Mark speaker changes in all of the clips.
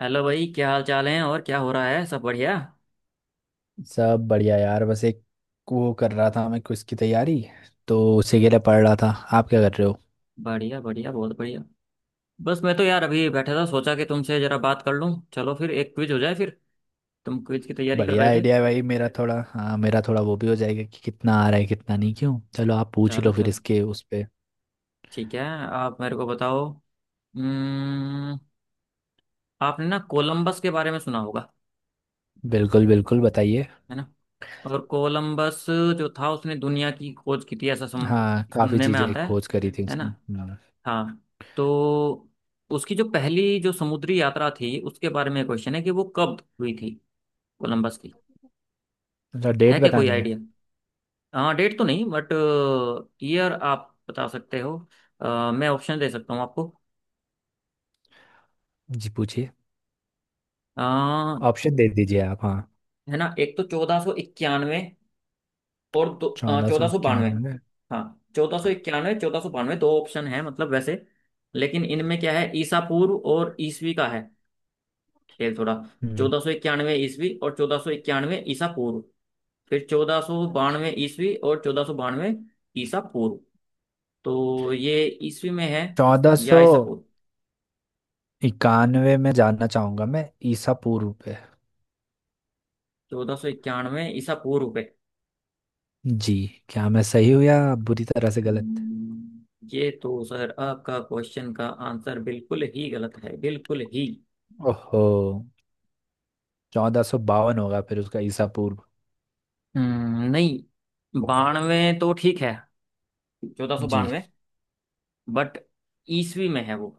Speaker 1: Hello भाई, क्या हाल चाल है? और क्या हो रहा है? सब बढ़िया?
Speaker 2: सब बढ़िया यार बस एक वो कर रहा था मैं क्विज की तैयारी तो उसी के लिए पढ़ रहा था। आप क्या कर रहे हो?
Speaker 1: बढ़िया बढ़िया, बहुत बढ़िया। बस मैं तो यार अभी बैठा था, सोचा कि तुमसे जरा बात कर लूं। चलो फिर एक क्विज हो जाए फिर। तुम क्विज की तैयारी कर
Speaker 2: बढ़िया
Speaker 1: रहे थे।
Speaker 2: आइडिया है भाई मेरा थोड़ा, हाँ मेरा थोड़ा वो भी हो जाएगा कि कितना आ रहा है कितना नहीं। क्यों, चलो आप पूछ ही
Speaker 1: चलो
Speaker 2: लो फिर
Speaker 1: चलो,
Speaker 2: इसके उस पे।
Speaker 1: ठीक है। आप मेरे को बताओ। हम्म। आपने ना कोलंबस के बारे में सुना होगा।
Speaker 2: बिल्कुल बिल्कुल, बताइए।
Speaker 1: है ना। और कोलंबस जो था, उसने दुनिया की खोज की थी ऐसा
Speaker 2: हाँ काफ़ी
Speaker 1: सुनने में
Speaker 2: चीज़ें
Speaker 1: आता है।
Speaker 2: खोज करी थी
Speaker 1: है ना।
Speaker 2: उसने। हाँ।
Speaker 1: हाँ। तो उसकी जो पहली जो समुद्री यात्रा थी, उसके बारे में क्वेश्चन है कि वो कब हुई थी, कोलंबस की।
Speaker 2: अच्छा
Speaker 1: है
Speaker 2: डेट
Speaker 1: क्या कोई
Speaker 2: बतानी है।
Speaker 1: आइडिया? हाँ, डेट तो नहीं, बट ईयर आप बता सकते हो। मैं ऑप्शन दे सकता हूँ आपको।
Speaker 2: जी पूछिए।
Speaker 1: अ,
Speaker 2: ऑप्शन दे दीजिए आप, हाँ।
Speaker 1: है ना, एक तो 1491। और दो,
Speaker 2: चौदह सौ
Speaker 1: 1492।
Speaker 2: इक्यानवे में।
Speaker 1: हाँ। 1491, 1492, दो ऑप्शन है मतलब वैसे। लेकिन इनमें क्या है, ईसा पूर्व और ईसवी का है खेल थोड़ा।
Speaker 2: हम्म
Speaker 1: 1491 ईसवी और 1491 ईसा पूर्व, फिर 1492 ईस्वी और 1492 ईसा पूर्व। तो ये ईस्वी में है
Speaker 2: चौदह
Speaker 1: या
Speaker 2: सौ
Speaker 1: ईसा पूर्व?
Speaker 2: इक्यानवे में जानना चाहूँगा मैं ईसा पूर्व पे।
Speaker 1: 1491 ईसा पूर्व पे।
Speaker 2: जी। क्या मैं सही हूँ या आप बुरी तरह से गलत?
Speaker 1: ये तो सर आपका क्वेश्चन का आंसर बिल्कुल ही गलत है, बिल्कुल ही।
Speaker 2: ओहो, 1452 होगा फिर उसका ईसा पूर्व?
Speaker 1: नहीं। बानवे तो ठीक है, चौदह सौ
Speaker 2: जी।
Speaker 1: बानवे बट ईस्वी में है वो।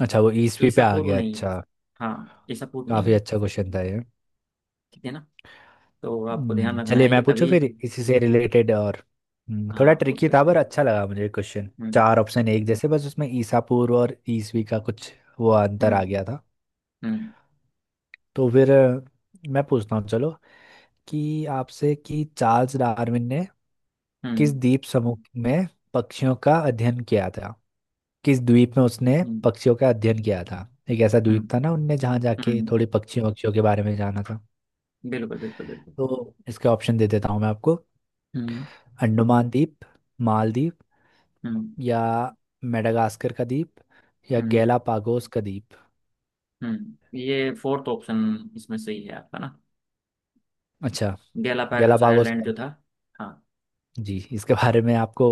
Speaker 2: अच्छा वो ईसवी
Speaker 1: ईसा
Speaker 2: पे आ
Speaker 1: पूर्व
Speaker 2: गया,
Speaker 1: नहीं है।
Speaker 2: अच्छा।
Speaker 1: हाँ, ईसा पूर्व
Speaker 2: काफी
Speaker 1: नहीं है।
Speaker 2: अच्छा क्वेश्चन था ये।
Speaker 1: ठीक है ना। तो आपको ध्यान रखना
Speaker 2: चलिए
Speaker 1: है ये
Speaker 2: मैं पूछूं
Speaker 1: कभी।
Speaker 2: फिर इसी से रिलेटेड और। थोड़ा
Speaker 1: हाँ, पूछ
Speaker 2: ट्रिकी था
Speaker 1: सकते
Speaker 2: पर
Speaker 1: हैं।
Speaker 2: अच्छा लगा मुझे क्वेश्चन,
Speaker 1: हम्म।
Speaker 2: चार ऑप्शन एक जैसे बस उसमें ईसा पूर्व और ईसवी का कुछ वो अंतर आ
Speaker 1: हम्म।
Speaker 2: गया था।
Speaker 1: हम्म।
Speaker 2: तो फिर मैं पूछता हूँ चलो कि आपसे कि चार्ल्स डार्विन ने किस
Speaker 1: हम्म।
Speaker 2: द्वीप समूह में पक्षियों का अध्ययन किया था? किस द्वीप में उसने
Speaker 1: हम्म।
Speaker 2: पक्षियों का अध्ययन किया था? एक ऐसा द्वीप
Speaker 1: हम्म।
Speaker 2: था ना उनने जहाँ जाके
Speaker 1: हम्म,
Speaker 2: थोड़े पक्षियों पक्षियों के बारे में जाना था।
Speaker 1: बिल्कुल बिल्कुल बिल्कुल।
Speaker 2: तो इसके ऑप्शन दे देता हूँ मैं आपको।
Speaker 1: हम्म।
Speaker 2: अंडमान द्वीप, मालदीव,
Speaker 1: हम्म।
Speaker 2: या मेडागास्कर का द्वीप, या
Speaker 1: हम्म।
Speaker 2: गैलापागोस का द्वीप।
Speaker 1: ये फोर्थ ऑप्शन इसमें सही है आपका ना।
Speaker 2: अच्छा
Speaker 1: गैलापागोस
Speaker 2: गैलापागोस
Speaker 1: आइलैंड
Speaker 2: का।
Speaker 1: जो था। हाँ।
Speaker 2: जी इसके बारे में आपको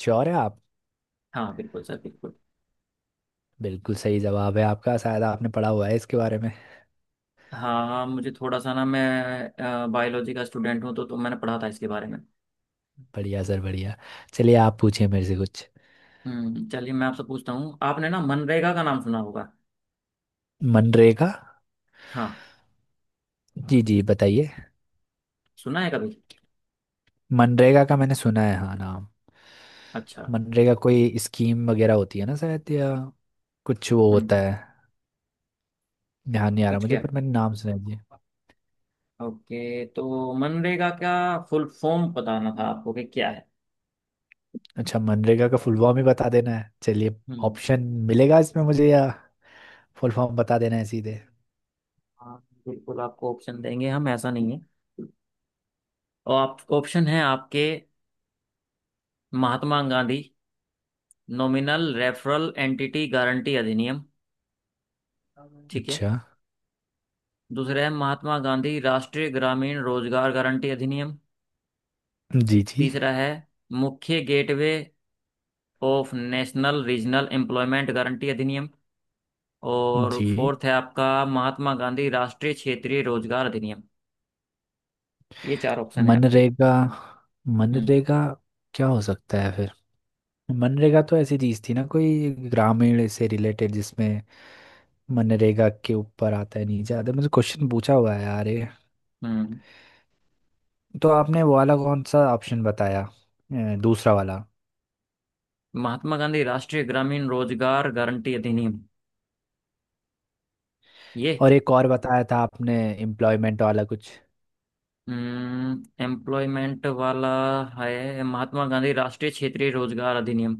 Speaker 2: श्योर है आप?
Speaker 1: हाँ बिल्कुल सर, बिल्कुल।
Speaker 2: बिल्कुल सही जवाब है आपका, शायद आपने पढ़ा हुआ है इसके बारे में।
Speaker 1: हाँ, मुझे थोड़ा सा ना, मैं बायोलॉजी का स्टूडेंट हूँ तो मैंने पढ़ा था इसके बारे में।
Speaker 2: बढ़िया सर बढ़िया। चलिए आप पूछिए मेरे से कुछ।
Speaker 1: चलिए, मैं आपसे पूछता हूँ, आपने ना मनरेगा का नाम सुना होगा।
Speaker 2: मनरेगा।
Speaker 1: हाँ।
Speaker 2: जी जी बताइए।
Speaker 1: सुना है कभी?
Speaker 2: मनरेगा का मैंने सुना है हाँ नाम।
Speaker 1: अच्छा।
Speaker 2: मनरेगा कोई स्कीम वगैरह होती है ना शायद या कुछ वो होता
Speaker 1: हम्म।
Speaker 2: है। ध्यान नहीं आ रहा
Speaker 1: कुछ
Speaker 2: मुझे
Speaker 1: क्या?
Speaker 2: पर मैंने नाम सुना है जी।
Speaker 1: ओके, तो मनरेगा का फुल फॉर्म बताना था आपको कि क्या है।
Speaker 2: अच्छा मनरेगा का फुल फॉर्म ही बता देना है, चलिए।
Speaker 1: हम्म।
Speaker 2: ऑप्शन मिलेगा इसमें मुझे या फुल फॉर्म बता देना है सीधे?
Speaker 1: हाँ बिल्कुल, आपको ऑप्शन देंगे हम, ऐसा नहीं है। और आप, ऑप्शन है आपके। Mahatma Gandhi nominal referral entity guarantee अधिनियम। ठीक है।
Speaker 2: अच्छा।
Speaker 1: दूसरा है, महात्मा गांधी राष्ट्रीय ग्रामीण रोजगार गारंटी अधिनियम।
Speaker 2: जी जी
Speaker 1: तीसरा है, मुख्य gateway of national regional employment guarantee अधिनियम। और
Speaker 2: जी।
Speaker 1: फोर्थ है आपका, महात्मा गांधी राष्ट्रीय क्षेत्रीय रोजगार अधिनियम। ये चार ऑप्शन है आपके।
Speaker 2: मनरेगा
Speaker 1: हम्म।
Speaker 2: मनरेगा क्या हो सकता है फिर? मनरेगा तो ऐसी चीज थी ना कोई ग्रामीण से रिलेटेड जिसमें, मनरेगा के ऊपर आता है नहीं ज्यादा मुझे क्वेश्चन पूछा हुआ है यार ये।
Speaker 1: हम्म
Speaker 2: तो आपने वो वाला कौन सा ऑप्शन बताया, दूसरा वाला?
Speaker 1: महात्मा गांधी राष्ट्रीय ग्रामीण रोजगार गारंटी अधिनियम, ये।
Speaker 2: और एक और बताया था आपने एम्प्लॉयमेंट वाला कुछ।
Speaker 1: एम्प्लॉयमेंट वाला है, महात्मा गांधी राष्ट्रीय क्षेत्रीय रोजगार अधिनियम।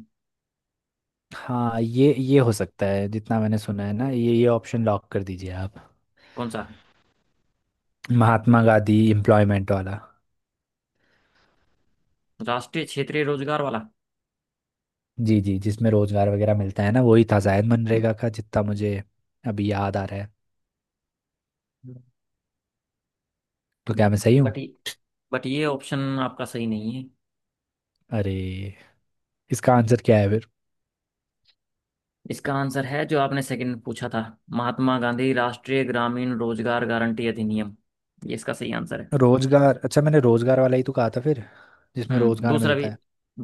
Speaker 2: हाँ ये हो सकता है, जितना मैंने सुना है ना ये ऑप्शन लॉक कर दीजिए आप।
Speaker 1: कौन सा है?
Speaker 2: महात्मा गांधी एम्प्लॉयमेंट वाला।
Speaker 1: राष्ट्रीय क्षेत्रीय रोजगार वाला।
Speaker 2: जी जी जिसमें रोजगार वगैरह मिलता है ना वही था शायद मनरेगा का जितना मुझे अभी याद आ रहा है। तो क्या मैं सही हूँ?
Speaker 1: बट ये बट ये ऑप्शन आपका सही नहीं है।
Speaker 2: अरे, इसका आंसर क्या है?
Speaker 1: इसका आंसर है जो आपने सेकंड पूछा था, महात्मा गांधी राष्ट्रीय ग्रामीण रोजगार गारंटी अधिनियम, ये इसका सही आंसर है।
Speaker 2: रोजगार, अच्छा मैंने रोजगार वाला ही तो कहा था फिर, जिसमें
Speaker 1: हम्म,
Speaker 2: रोजगार
Speaker 1: दूसरा भी,
Speaker 2: मिलता है।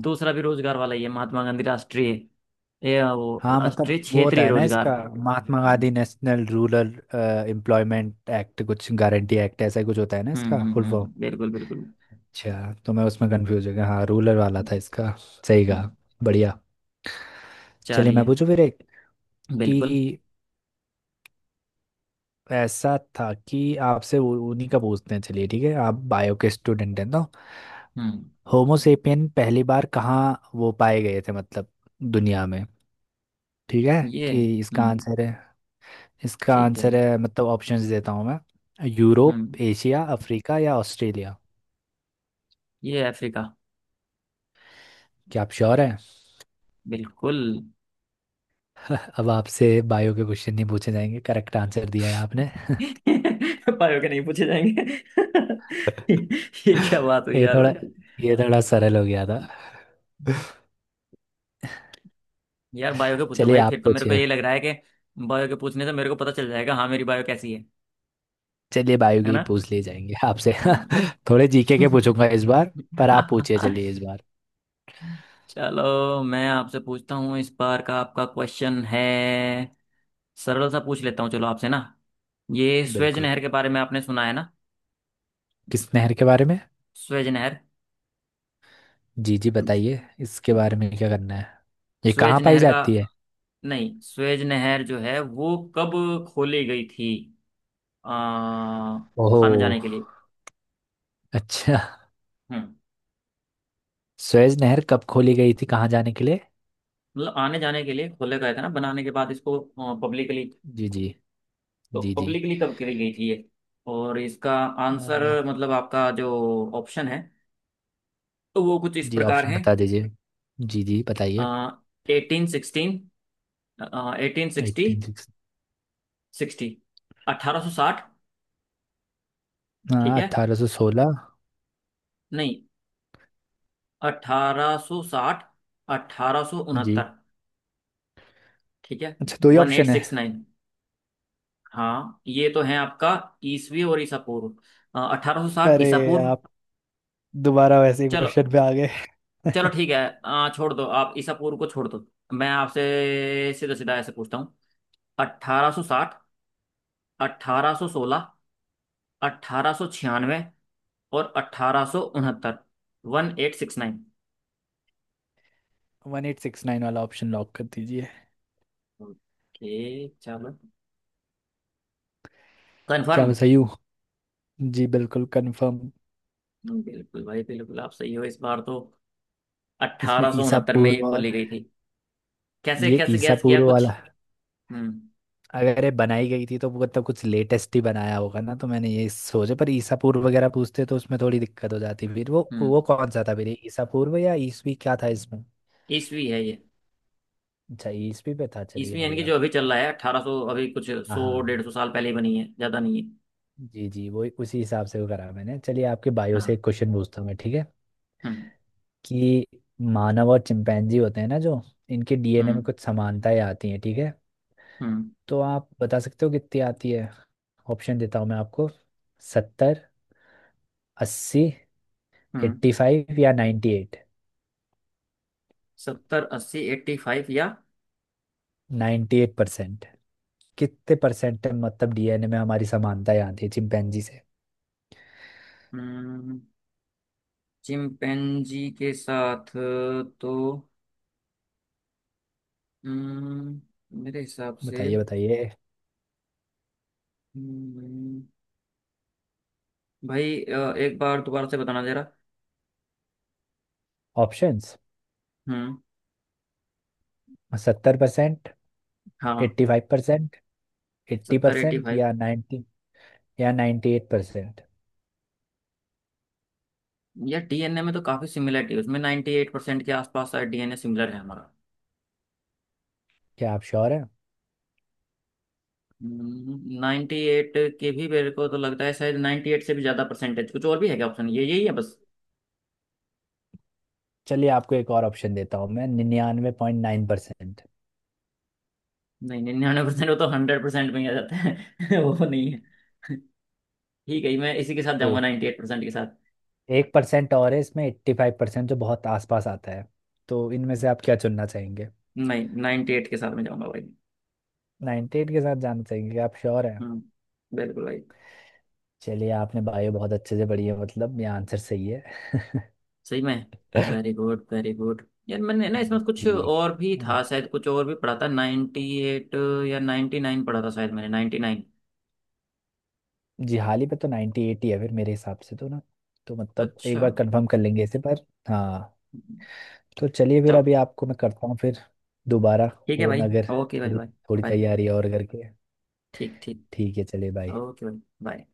Speaker 1: दूसरा भी रोजगार वाला ही है, महात्मा गांधी राष्ट्रीय। ये वो,
Speaker 2: हाँ मतलब
Speaker 1: राष्ट्रीय
Speaker 2: हाँ वो होता
Speaker 1: क्षेत्रीय
Speaker 2: है ना वही
Speaker 1: रोजगार।
Speaker 2: इसका काम मिलता है, Mahatma
Speaker 1: hmm.
Speaker 2: Gandhi national rural employment act कुछ गारंटी एक्ट ऐसा ही कुछ होता है ना
Speaker 1: हम्म।
Speaker 2: इसका
Speaker 1: हम्म।
Speaker 2: Full form.
Speaker 1: बिल्कुल बिल्कुल।
Speaker 2: अच्छा तो मैं उसमें कंफ्यूज हो गया, हाँ रूरल वाला था
Speaker 1: हम्म।
Speaker 2: इसका, सही कहा।
Speaker 1: हम्म,
Speaker 2: बढ़िया। चलिए मैं
Speaker 1: चलिए।
Speaker 2: पूछूं फिर एक, कि
Speaker 1: बिल्कुल।
Speaker 2: ऐसा था कि आपसे उन्हीं का पूछते हैं चलिए। ठीक है आप बायो के स्टूडेंट हैं तो,
Speaker 1: हम्म।
Speaker 2: होमो सेपियन पहली बार कहाँ वो पाए गए थे मतलब दुनिया में? ठीक है
Speaker 1: ये।
Speaker 2: कि इसका
Speaker 1: हम्म।
Speaker 2: आंसर है, इसका
Speaker 1: ठीक है।
Speaker 2: आंसर है मतलब ऑप्शंस देता हूँ मैं।
Speaker 1: हम्म।
Speaker 2: यूरोप, एशिया, अफ्रीका, या ऑस्ट्रेलिया।
Speaker 1: ये अफ्रीका।
Speaker 2: क्या आप श्योर हैं?
Speaker 1: बिल्कुल।
Speaker 2: अब आपसे बायो के क्वेश्चन नहीं पूछे जाएंगे, करेक्ट आंसर दिया है आपने।
Speaker 1: बायो के नहीं पूछे जाएंगे ये क्या बात हुई
Speaker 2: ये
Speaker 1: यार
Speaker 2: थोड़ा
Speaker 1: भाई।
Speaker 2: ये थोड़ा सरल हो गया था।
Speaker 1: यार बायो के पूछो
Speaker 2: चलिए
Speaker 1: भाई,
Speaker 2: आप
Speaker 1: फिर तो मेरे को
Speaker 2: पूछिए।
Speaker 1: ये लग रहा है कि बायो के पूछने से मेरे को पता चल जाएगा, हाँ, मेरी बायो कैसी है।
Speaker 2: चलिए बायो
Speaker 1: है
Speaker 2: के ही
Speaker 1: ना।
Speaker 2: पूछ लिए जाएंगे आपसे।
Speaker 1: हम्म।
Speaker 2: थोड़े जीके के पूछूंगा इस बार, पर आप पूछिए चलिए इस बार।
Speaker 1: चलो, मैं आपसे पूछता हूँ, इस बार का आपका क्वेश्चन है, सरल सा पूछ लेता हूँ चलो आपसे ना। ये स्वेज
Speaker 2: बिल्कुल।
Speaker 1: नहर के बारे में आपने सुना है ना।
Speaker 2: किस नहर के बारे में?
Speaker 1: स्वेज नहर।
Speaker 2: जी जी बताइए इसके बारे में क्या करना है, ये
Speaker 1: स्वेज
Speaker 2: कहाँ पाई
Speaker 1: नहर का
Speaker 2: जाती है?
Speaker 1: नहीं, स्वेज नहर जो है वो कब खोली गई थी? आ,
Speaker 2: ओहो,
Speaker 1: आने जाने के लिए।
Speaker 2: अच्छा,
Speaker 1: हम्म।
Speaker 2: सुएज नहर कब खोली गई थी कहाँ जाने के लिए?
Speaker 1: मतलब आने जाने के लिए खोले गए थे ना बनाने के बाद इसको, पब्लिकली।
Speaker 2: जी जी।
Speaker 1: तो
Speaker 2: जी जी।
Speaker 1: पब्लिकली कब करी गई थी ये? और इसका
Speaker 2: अ,
Speaker 1: आंसर मतलब आपका जो ऑप्शन है, तो वो कुछ इस
Speaker 2: जी
Speaker 1: प्रकार
Speaker 2: ऑप्शन
Speaker 1: है।
Speaker 2: बता दीजिए। जी जी बताइए।
Speaker 1: 1816, 1860,
Speaker 2: एट्टीन सिक्स,
Speaker 1: सिक्सटी, 1860। ठीक है।
Speaker 2: 1816।
Speaker 1: नहीं, 1860, अठारह सौ
Speaker 2: जी
Speaker 1: उनहत्तर ठीक है।
Speaker 2: अच्छा दो ही
Speaker 1: वन एट
Speaker 2: ऑप्शन है?
Speaker 1: सिक्स नाइन हाँ, ये तो है आपका, ईसवी और ईसा पूर्व। अठारह सौ साठ
Speaker 2: अरे
Speaker 1: ईसा पूर्व
Speaker 2: आप दोबारा वैसे ही
Speaker 1: चलो
Speaker 2: क्वेश्चन पे आ गए।
Speaker 1: चलो, ठीक है। छोड़ दो आप, ईसा पूर्व को छोड़ दो। मैं आपसे सीधा सीधा ऐसे पूछता हूँ। 1860, 1816, 1896 और 1869। 1869।
Speaker 2: 1869 वाला ऑप्शन लॉक कर दीजिए।
Speaker 1: ओके चलो,
Speaker 2: क्या
Speaker 1: कंफर्म।
Speaker 2: मैं सही हूँ? जी बिल्कुल कंफर्म।
Speaker 1: बिल्कुल भाई, बिल्कुल, आप सही हो इस बार तो।
Speaker 2: इसमें
Speaker 1: अट्ठारह सौ
Speaker 2: ईसा
Speaker 1: उनहत्तर में ये
Speaker 2: पूर्व और,
Speaker 1: खोली गई थी। कैसे
Speaker 2: ये
Speaker 1: कैसे
Speaker 2: ईसा
Speaker 1: गैस किया
Speaker 2: पूर्व
Speaker 1: कुछ?
Speaker 2: वाला
Speaker 1: हम्म।
Speaker 2: अगर ये बनाई गई थी तो वो मतलब कुछ लेटेस्ट ही बनाया होगा ना तो मैंने ये सोचा, पर ईसा पूर्व वगैरह पूछते तो उसमें थोड़ी दिक्कत हो जाती। फिर वो
Speaker 1: हम्म।
Speaker 2: वो कौन सा था फिर ये ईसा पूर्व या ईसवी क्या था इसमें?
Speaker 1: ईस्वी है ये।
Speaker 2: अच्छा ईसवी पे था, चलिए
Speaker 1: ईस्वी यानी कि
Speaker 2: बढ़िया।
Speaker 1: जो अभी चल रहा है, अठारह सौ, अभी कुछ
Speaker 2: हाँ हाँ,
Speaker 1: सौ डेढ़
Speaker 2: हाँ।
Speaker 1: सौ साल पहले ही बनी है, ज्यादा नहीं है।
Speaker 2: जी जी वो उसी हिसाब से वो करा मैंने। चलिए आपके बायो से
Speaker 1: हाँ।
Speaker 2: एक क्वेश्चन पूछता हूँ मैं, ठीक है
Speaker 1: हम्म।
Speaker 2: कि, मानव और चिंपैंजी होते हैं ना जो, इनके डीएनए में
Speaker 1: हम्म।
Speaker 2: कुछ समानताएं आती हैं ठीक है?
Speaker 1: हम्म।
Speaker 2: तो आप बता सकते हो कितनी आती है? ऑप्शन देता हूँ मैं आपको। सत्तर, अस्सी,
Speaker 1: हम्म।
Speaker 2: एट्टी फाइव, या नाइन्टी एट,
Speaker 1: सत्तर, अस्सी, एट्टी फाइव या।
Speaker 2: 98%। कितने परसेंट मतलब डीएनए में हमारी समानताएं आती है चिंपैंजी से?
Speaker 1: हम्म चिंपैंजी के साथ, तो। हम्म मेरे हिसाब से।
Speaker 2: बताइए बताइए।
Speaker 1: हम्म, भाई एक बार दोबारा से बताना जरा।
Speaker 2: ऑप्शंस,
Speaker 1: हम्म।
Speaker 2: 70%,
Speaker 1: हाँ।
Speaker 2: 85%, एट्टी
Speaker 1: सत्तर, एट्टी
Speaker 2: परसेंट
Speaker 1: फाइव।
Speaker 2: या नाइन्टी, या 98%।
Speaker 1: यार डीएनए में तो काफी सिमिलरिटी है उसमें, 98% के आसपास शायद डीएनए सिमिलर है हमारा।
Speaker 2: क्या आप श्योर हैं?
Speaker 1: नाइन्टी एट के भी मेरे को तो लगता है, शायद नाइन्टी एट से भी ज्यादा परसेंटेज कुछ और भी है क्या ऑप्शन? ये यही है बस?
Speaker 2: चलिए आपको एक और ऑप्शन देता हूँ मैं, 99.9%।
Speaker 1: नहीं, 99% वो तो 100% में ही आ जाता है वो नहीं है। ठीक है, मैं इसी के साथ जाऊंगा,
Speaker 2: तो
Speaker 1: 98% के साथ।
Speaker 2: एक परसेंट और है इसमें 85% जो बहुत आसपास आता है। तो इनमें से आप क्या चुनना चाहेंगे?
Speaker 1: नहीं, नाइन्टी एट के साथ में जाऊंगा भाई।
Speaker 2: नाइन्टी एट के साथ जाना चाहेंगे? क्या आप श्योर हैं?
Speaker 1: हम्म। बिल्कुल भाई।
Speaker 2: चलिए आपने बायो बहुत अच्छे से पढ़ी है, मतलब ये आंसर सही है।
Speaker 1: सही में? वेरी गुड यार, मैंने ना इसमें कुछ
Speaker 2: जी।
Speaker 1: और भी
Speaker 2: और
Speaker 1: था शायद, कुछ और भी पढ़ा था, नाइन्टी एट या नाइन्टी नाइन पढ़ा था शायद मैंने, नाइन्टी नाइन।
Speaker 2: जी हाल ही पे तो 98 एट ही है फिर मेरे हिसाब से तो ना। तो मतलब एक
Speaker 1: अच्छा।
Speaker 2: बार कंफर्म कर लेंगे इसे, पर हाँ। तो चलिए फिर
Speaker 1: चलो
Speaker 2: अभी आपको मैं करता हूँ फिर दोबारा
Speaker 1: ठीक है
Speaker 2: फोन,
Speaker 1: भाई।
Speaker 2: अगर
Speaker 1: ओके भाई,
Speaker 2: थोड़ी
Speaker 1: बाय।
Speaker 2: थोड़ी
Speaker 1: बाय।
Speaker 2: तैयारी और करके।
Speaker 1: ठीक ठीक।
Speaker 2: ठीक है, चलिए बाय।
Speaker 1: ओके। बाय।